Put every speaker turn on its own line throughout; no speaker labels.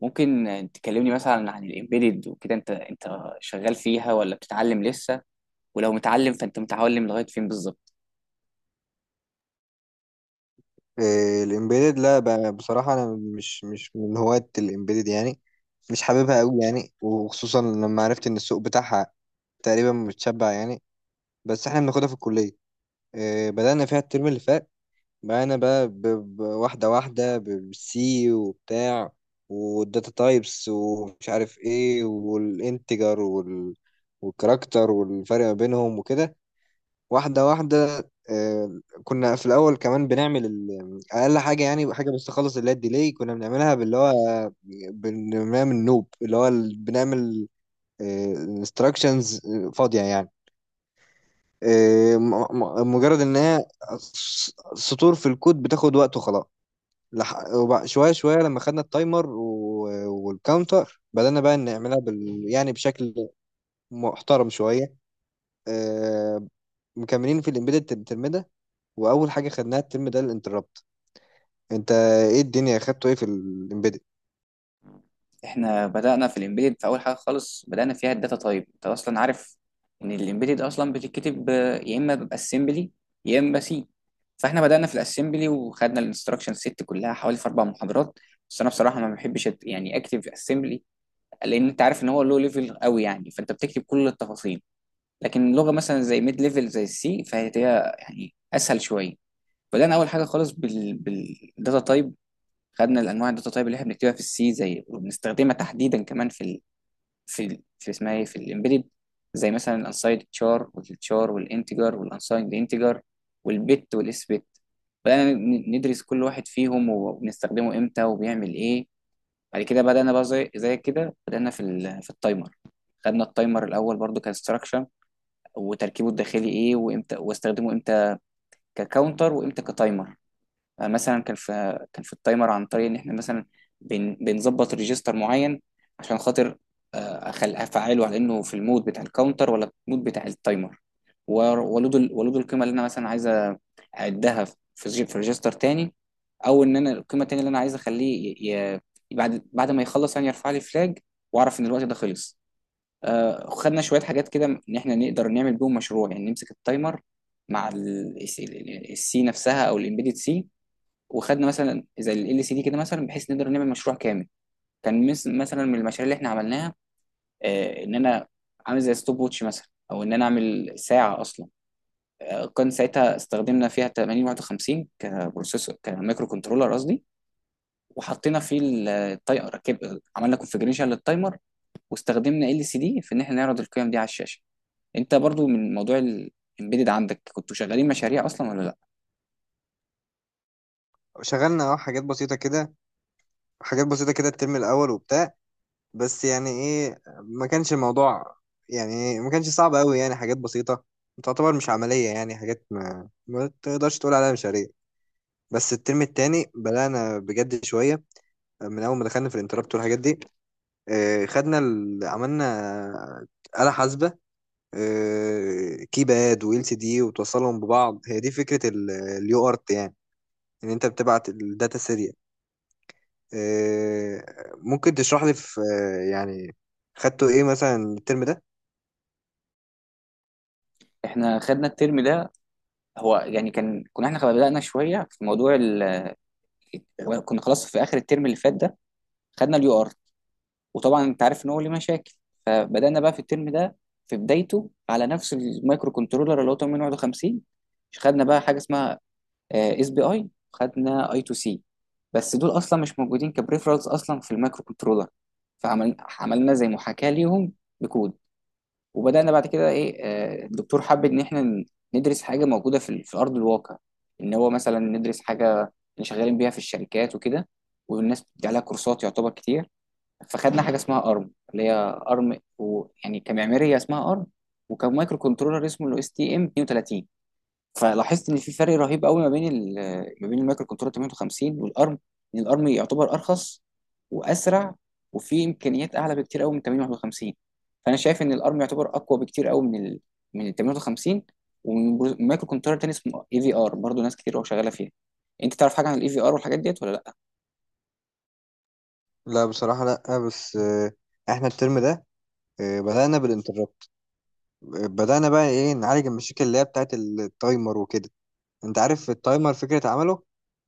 ممكن تكلمني مثلا عن الامبيدد وكده انت شغال فيها ولا بتتعلم لسه؟ ولو متعلم فانت متعلم لغايه فين بالظبط؟
إيه، الامبيدد. لا، بصراحة أنا مش من هواة الامبيدد يعني. مش حاببها أوي يعني، وخصوصا لما عرفت إن السوق بتاعها تقريبا متشبع يعني. بس إحنا بناخدها في الكلية. إيه، بدأنا فيها الترم اللي فات. بدأنا بقى واحدة واحدة بالسي وبتاع، والداتا تايبس ومش عارف إيه، والانتجر والكاركتر والفرق ما بينهم وكده، واحدة واحدة. آه، كنا في الأول كمان بنعمل أقل حاجة يعني، حاجة بس تخلص، اللي هي الديلي كنا بنعملها باللي هو بنعمل نوب، اللي هو بنعمل انستراكشنز فاضية يعني. آه، مجرد إن هي سطور في الكود بتاخد وقت وخلاص. شوية شوية لما خدنا التايمر والكاونتر بدأنا بقى نعملها يعني بشكل محترم شوية. آه، مكملين في الإمبيدد، واول حاجه خدناها الترم ده الانتربت. انت ايه الدنيا خدته ايه في الامبيدد؟
احنا بدأنا في الامبيدد في اول حاجه خالص بدأنا فيها الداتا تايب. انت اصلا عارف ان الامبيدد اصلا بتتكتب يا اما باسمبلي يا اما سي. فاحنا بدأنا في الاسمبلي وخدنا الانستراكشن سيت كلها حوالي في اربع محاضرات. بس انا بصراحه ما بحبش يعني اكتب اسمبلي، لان انت عارف ان هو لو ليفل قوي يعني فانت بتكتب كل التفاصيل. لكن لغه مثلا زي ميد ليفل زي السي فهي هي يعني اسهل شويه. بدانا اول حاجه خالص بالداتا تايب. خدنا الانواع الداتا تايب اللي احنا بنكتبها في السي زي وبنستخدمها تحديدا كمان في اسمها ايه في الامبيدد، زي مثلا الانسايد تشار والتشار والانتجر والانسايد انتجر والبت والاس بت. بدانا ندرس كل واحد فيهم وبنستخدمه امتى وبيعمل ايه. بعد كده بدانا بقى زي كده بدانا في التايمر. خدنا التايمر الاول برضو كانستراكشن، وتركيبه الداخلي ايه، وامتى واستخدمه امتى، ككاونتر وامتى كتايمر. مثلا كان في كان في التايمر عن طريق ان احنا مثلا بنظبط ريجستر معين، عشان خاطر افعله على انه في المود بتاع الكاونتر ولا المود بتاع التايمر. و- ولود القيمه اللي انا مثلا عايزه اعدها في ريجستر تاني. او ان انا القيمه التانيه اللي انا عايز اخليه بعد ما يخلص يعني يرفع لي فلاج، واعرف ان الوقت ده خلص. خدنا شوية حاجات كده إن إحنا نقدر نعمل بيهم مشروع، يعني نمسك التايمر مع السي نفسها أو الإمبيدد سي. وخدنا مثلا زي ال سي دي كده، مثلا بحيث نقدر نعمل مشروع كامل. كان مثلا من المشاريع اللي إحنا عملناها إن أنا عامل زي ستوب ووتش مثلا، أو إن أنا أعمل ساعة أصلا. كان ساعتها استخدمنا فيها 8051 كبروسيسور كمايكرو كنترولر قصدي، وحطينا فيه التايمر ركب، عملنا كونفجريشن للتايمر. واستخدمنا ال سي دي في ان احنا نعرض القيم دي على الشاشه. انت برضو من موضوع الامبيدد عندك، كنتوا شغالين مشاريع اصلا ولا لا؟
شغلنا اه، حاجات بسيطه كده، حاجات بسيطه كده الترم الاول وبتاع. بس يعني ايه، ما كانش الموضوع، يعني إيه، ما كانش صعب قوي يعني، حاجات بسيطه تعتبر مش عمليه يعني، حاجات ما تقدرش تقول عليها مشاريع. بس الترم التاني بدأنا بجد شوية، من أول ما دخلنا في الانتربت والحاجات دي. آه، خدنا عملنا آه، آلة حاسبة، آه، كيباد وال سي دي وتوصلهم ببعض، هي دي فكره اليو ارت يعني، ان انت بتبعت الداتا سيريال. آه، ممكن تشرح لي في آه، يعني خدته ايه مثلا الترم ده؟
احنا خدنا الترم ده هو يعني كان كنا احنا بدأنا شويه في موضوع كنا خلاص في اخر الترم اللي فات ده خدنا اليو ار، وطبعا انت عارف ان هو ليه مشاكل. فبدأنا بقى في الترم ده في بدايته على نفس المايكرو كنترولر اللي هو 8051. خدنا بقى حاجه اسمها اس بي اي، خدنا اي تو سي. بس دول اصلا مش موجودين كبريفرالز اصلا في المايكرو كنترولر، فعملنا زي محاكاه ليهم بكود. وبدأنا بعد كده ايه الدكتور حب ان احنا ندرس حاجة موجودة في ارض الواقع. ان هو مثلا ندرس حاجة اللي شغالين بيها في الشركات وكده، والناس بتدي عليها كورسات يعتبر كتير. فخدنا حاجة اسمها ارم، اللي هي ارم ويعني كمعمارية اسمها ارم، وكمايكرو كنترولر اسمه الاو اس تي ام 32. فلاحظت ان في فرق رهيب قوي ما بين المايكرو كنترول 58 والارم. ان الارم يعتبر ارخص واسرع، وفي امكانيات اعلى بكتير قوي من 58. فانا شايف ان الارم يعتبر اقوى بكتير قوي من ال 58، ومن مايكرو كنترول تاني اسمه اي في ار، برضه ناس كتير قوي شغاله فيها. انت تعرف حاجه عن الاي في ار والحاجات ديت ولا لا؟
لا، بصراحه لا، بس آه، احنا الترم ده آه، بدانا بالانتربت. بدانا بقى ايه، نعالج المشاكل اللي هي بتاعت التايمر وكده. انت عارف التايمر فكره عمله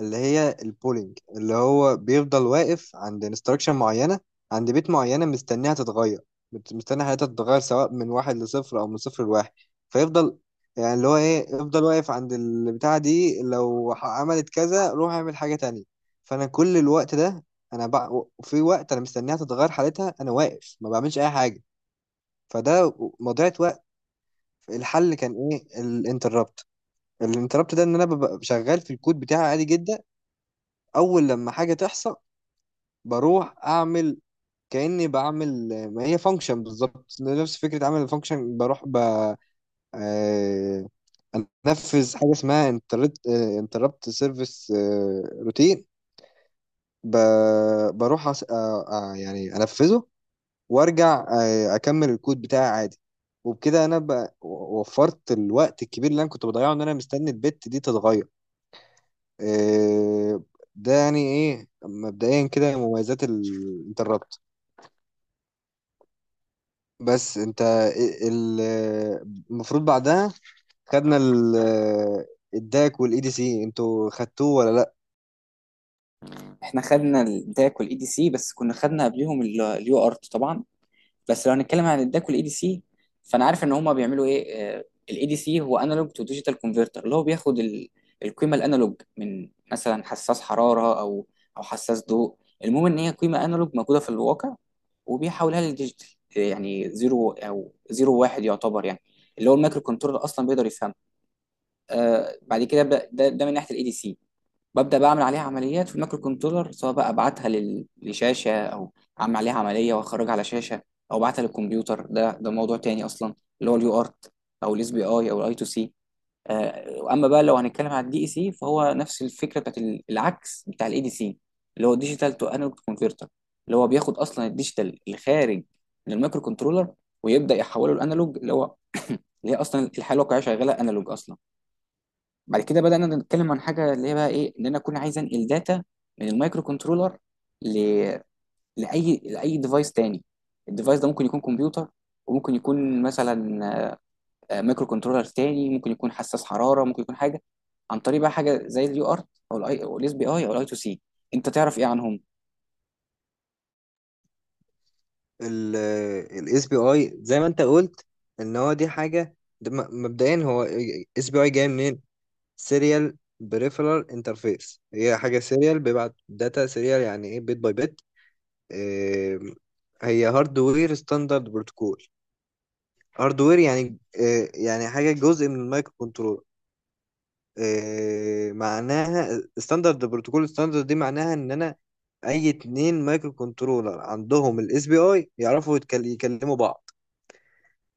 اللي هي البولينج، اللي هو بيفضل واقف عند انستراكشن معينة، عند بيت معينة مستنيها تتغير، مستني حياتها تتغير سواء من واحد لصفر أو من صفر لواحد. فيفضل يعني اللي هو إيه، يفضل واقف عند البتاعة دي، لو عملت كذا روح اعمل حاجة تانية. فأنا كل الوقت ده، أنا في وقت أنا مستنيها تتغير حالتها، أنا واقف ما بعملش أي حاجة. فده مضيعة وقت. الحل كان إيه؟ الانتربت. الانتربت ده إن أنا ببقى شغال في الكود بتاعي عادي جدا، اول لما حاجه تحصل بروح اعمل، كاني بعمل ما هي فانكشن بالظبط، نفس فكره عمل الفانكشن، بروح ب آه، انفذ حاجه اسمها انتربت، انتربت سيرفيس روتين. بروح آه، آه، يعني انفذه وارجع، آه، اكمل الكود بتاعي عادي. وبكده انا وفرت الوقت الكبير اللي انا كنت بضيعه ان انا مستني البت دي تتغير. آه، ده يعني ايه مبدئيا كده مميزات الانتربت. بس انت المفروض بعدها خدنا الداك والاي دي سي، انتوا خدتوه ولا لا؟
احنا خدنا الداك والاي دي سي، بس كنا خدنا قبليهم اليو ارت طبعا. بس لو هنتكلم عن الداك والاي دي سي، فانا عارف ان هما بيعملوا ايه. الاي دي سي هو انالوج تو ديجيتال كونفرتر، اللي هو بياخد القيمه الانالوج من مثلا حساس حراره او او حساس ضوء. المهم ان هي قيمه انالوج موجوده في الواقع، وبيحولها للديجيتال، يعني زيرو او زيرو واحد، يعتبر يعني اللي هو المايكرو كنترول اصلا بيقدر يفهمه. آه بعد كده ده من ناحيه الاي دي سي. ببدأ بقى أعمل عليها عمليات في المايكرو كنترولر، سواء بقى أبعتها لشاشة، أو أعمل عليها عملية وأخرجها على شاشة، أو أبعتها للكمبيوتر. ده موضوع تاني أصلا، اللي هو اليو ارت أو الاس بي أي أو الاي تو سي. أما بقى لو هنتكلم على الدي إي سي، فهو نفس الفكرة بتاعت العكس بتاع الإي دي سي، اللي هو ديجيتال تو انالوج كونفرتر، اللي هو بياخد أصلا الديجيتال الخارج من المايكرو كنترولر، ويبدأ يحوله الأنالوج اللي هو اللي هي أصلا الحالة الواقعية شغالة أنالوج أصلا. بعد كده بدأنا نتكلم عن حاجة اللي هي بقى إيه، إن أنا أكون عايز أنقل داتا من المايكرو كنترولر ل... لأي ديفايس تاني. الديفايس ده ممكن يكون كمبيوتر، وممكن يكون مثلا مايكرو كنترولر تاني، ممكن يكون حساس حرارة، ممكن يكون حاجة، عن طريق بقى حاجة زي اليو ارت أو الاي أو الاس بي آي أو الاي تو سي. أنت تعرف إيه عنهم؟
الاس بي اي زي ما انت قلت ان هو دي حاجه، ده مبدئيا هو اس بي اي جاي منين؟ سيريال بريفرال انترفيس. هي حاجه سيريال، بيبعت داتا سيريال، يعني ايه بيت باي بيت. اه، هي هاردوير ستاندرد بروتوكول. هاردوير يعني اه، يعني حاجه جزء من المايكرو كنترول. آه، معناها ستاندرد بروتوكول، ستاندرد دي معناها ان انا اي اتنين مايكرو كنترولر عندهم الاس بي اي يعرفوا يكلموا بعض.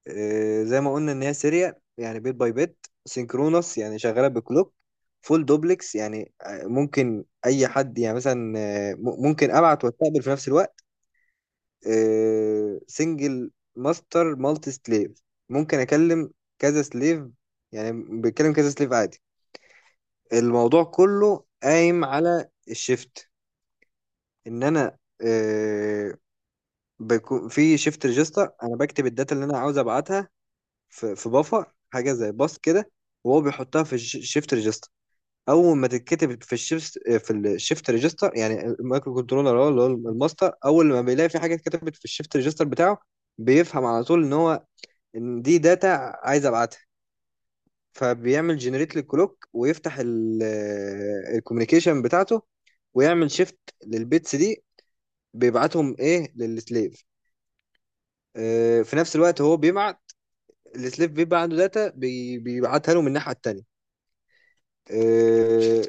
آه، زي ما قلنا ان هي سيريال يعني بيت باي بيت. سينكرونس يعني شغاله بكلوك. فول دوبلكس يعني آه، ممكن اي حد يعني مثلا آه، ممكن ابعت واستقبل في نفس الوقت. سنجل ماستر، مالتي سليف. ممكن اكلم كذا سليف، يعني بيتكلم كذا سليف عادي. الموضوع كله قايم على الشيفت، ان انا آه، بيكون في شيفت ريجستر، انا بكتب الداتا اللي انا عاوز ابعتها في بفر حاجه زي باص كده، وهو بيحطها في الشيفت ريجستر. اول ما تتكتب في الشيفت آه، في الشيفت ريجستر يعني المايكرو كنترولر هو اللي هو الماستر، اول ما بيلاقي في حاجه اتكتبت في الشيفت ريجستر بتاعه بيفهم على طول ان هو ان دي داتا عايز ابعتها. فبيعمل جنريت للكلوك، ويفتح الكوميونيكيشن بتاعته، ويعمل شيفت للبيتس دي، بيبعتهم ايه للسليف. آه، في نفس الوقت هو بيبعت، السليف بيبقى عنده داتا بيبعتها له من الناحية التانية. آه،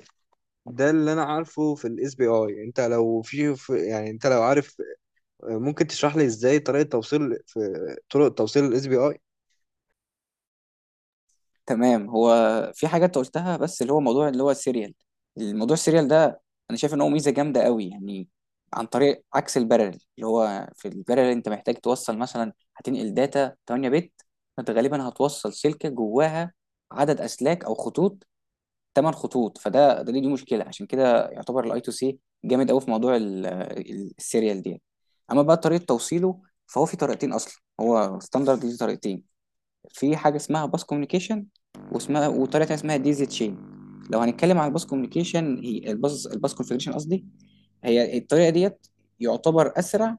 ده اللي انا عارفه في الاس بي اي. انت لو يعني انت لو عارف آه، ممكن تشرح لي ازاي طريقة توصيل، في طرق توصيل الاس بي اي؟
تمام. هو في حاجه انت قلتها بس اللي هو موضوع اللي هو السيريال. الموضوع السيريال ده انا شايف ان هو ميزه جامده قوي يعني، عن طريق عكس البارل، اللي هو في البارل انت محتاج توصل مثلا هتنقل داتا 8 بت، فانت غالبا هتوصل سلكه جواها عدد اسلاك او خطوط، 8 خطوط. فده ده دي دي مشكله. عشان كده يعتبر الاي تو سي جامد قوي في موضوع السيريال دي. اما بقى طريقه توصيله، فهو في طريقتين اصلا، هو ستاندرد ليه طريقتين. في حاجة اسمها باس كوميونيكيشن، واسمها وطريقة تانية اسمها دي زي تشين. لو هنتكلم عن الباس كوميونيكيشن، هي الباس كونفيجريشن قصدي، هي الطريقة ديت يعتبر أسرع.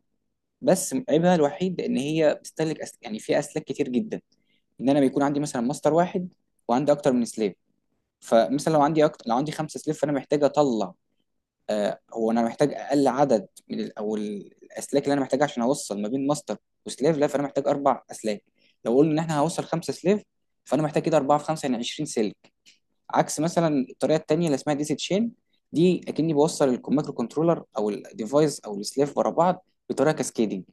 بس عيبها الوحيد إن هي بتستهلك يعني فيها أسلاك كتير جدا. إن أنا بيكون عندي مثلا ماستر واحد، وعندي أكتر من سليف. فمثلا لو عندي خمسة سليف، فأنا محتاج أطلع هو انا محتاج اقل عدد من الاسلاك اللي انا محتاجها عشان اوصل ما بين ماستر وسليف. لا، فانا محتاج اربع اسلاك. لو قلنا ان احنا هوصل خمسه سليف، فانا محتاج كده اربعه في خمسه، يعني 20 سلك. عكس مثلا الطريقه التانيه اللي اسمها ديسي تشين، دي اكني بوصل المايكرو كنترولر او الديفايس او السليف ورا بعض بطريقه كاسكيدنج.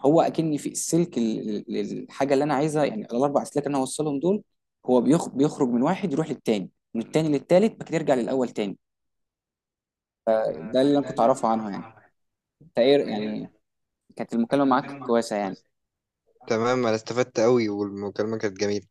هو اكني في السلك الحاجه اللي انا عايزها، يعني الاربع اسلاك اللي انا هوصلهم دول، هو بيخرج من واحد، يروح للتاني، من التاني للتالت، بعد كده يرجع للاول تاني. ده اللي انا كنت اعرفه عنها يعني. انت ايه يعني؟ كانت المكالمة معاك كويسة يعني.
تمام، انا استفدت قوي والمكالمة كانت جميلة.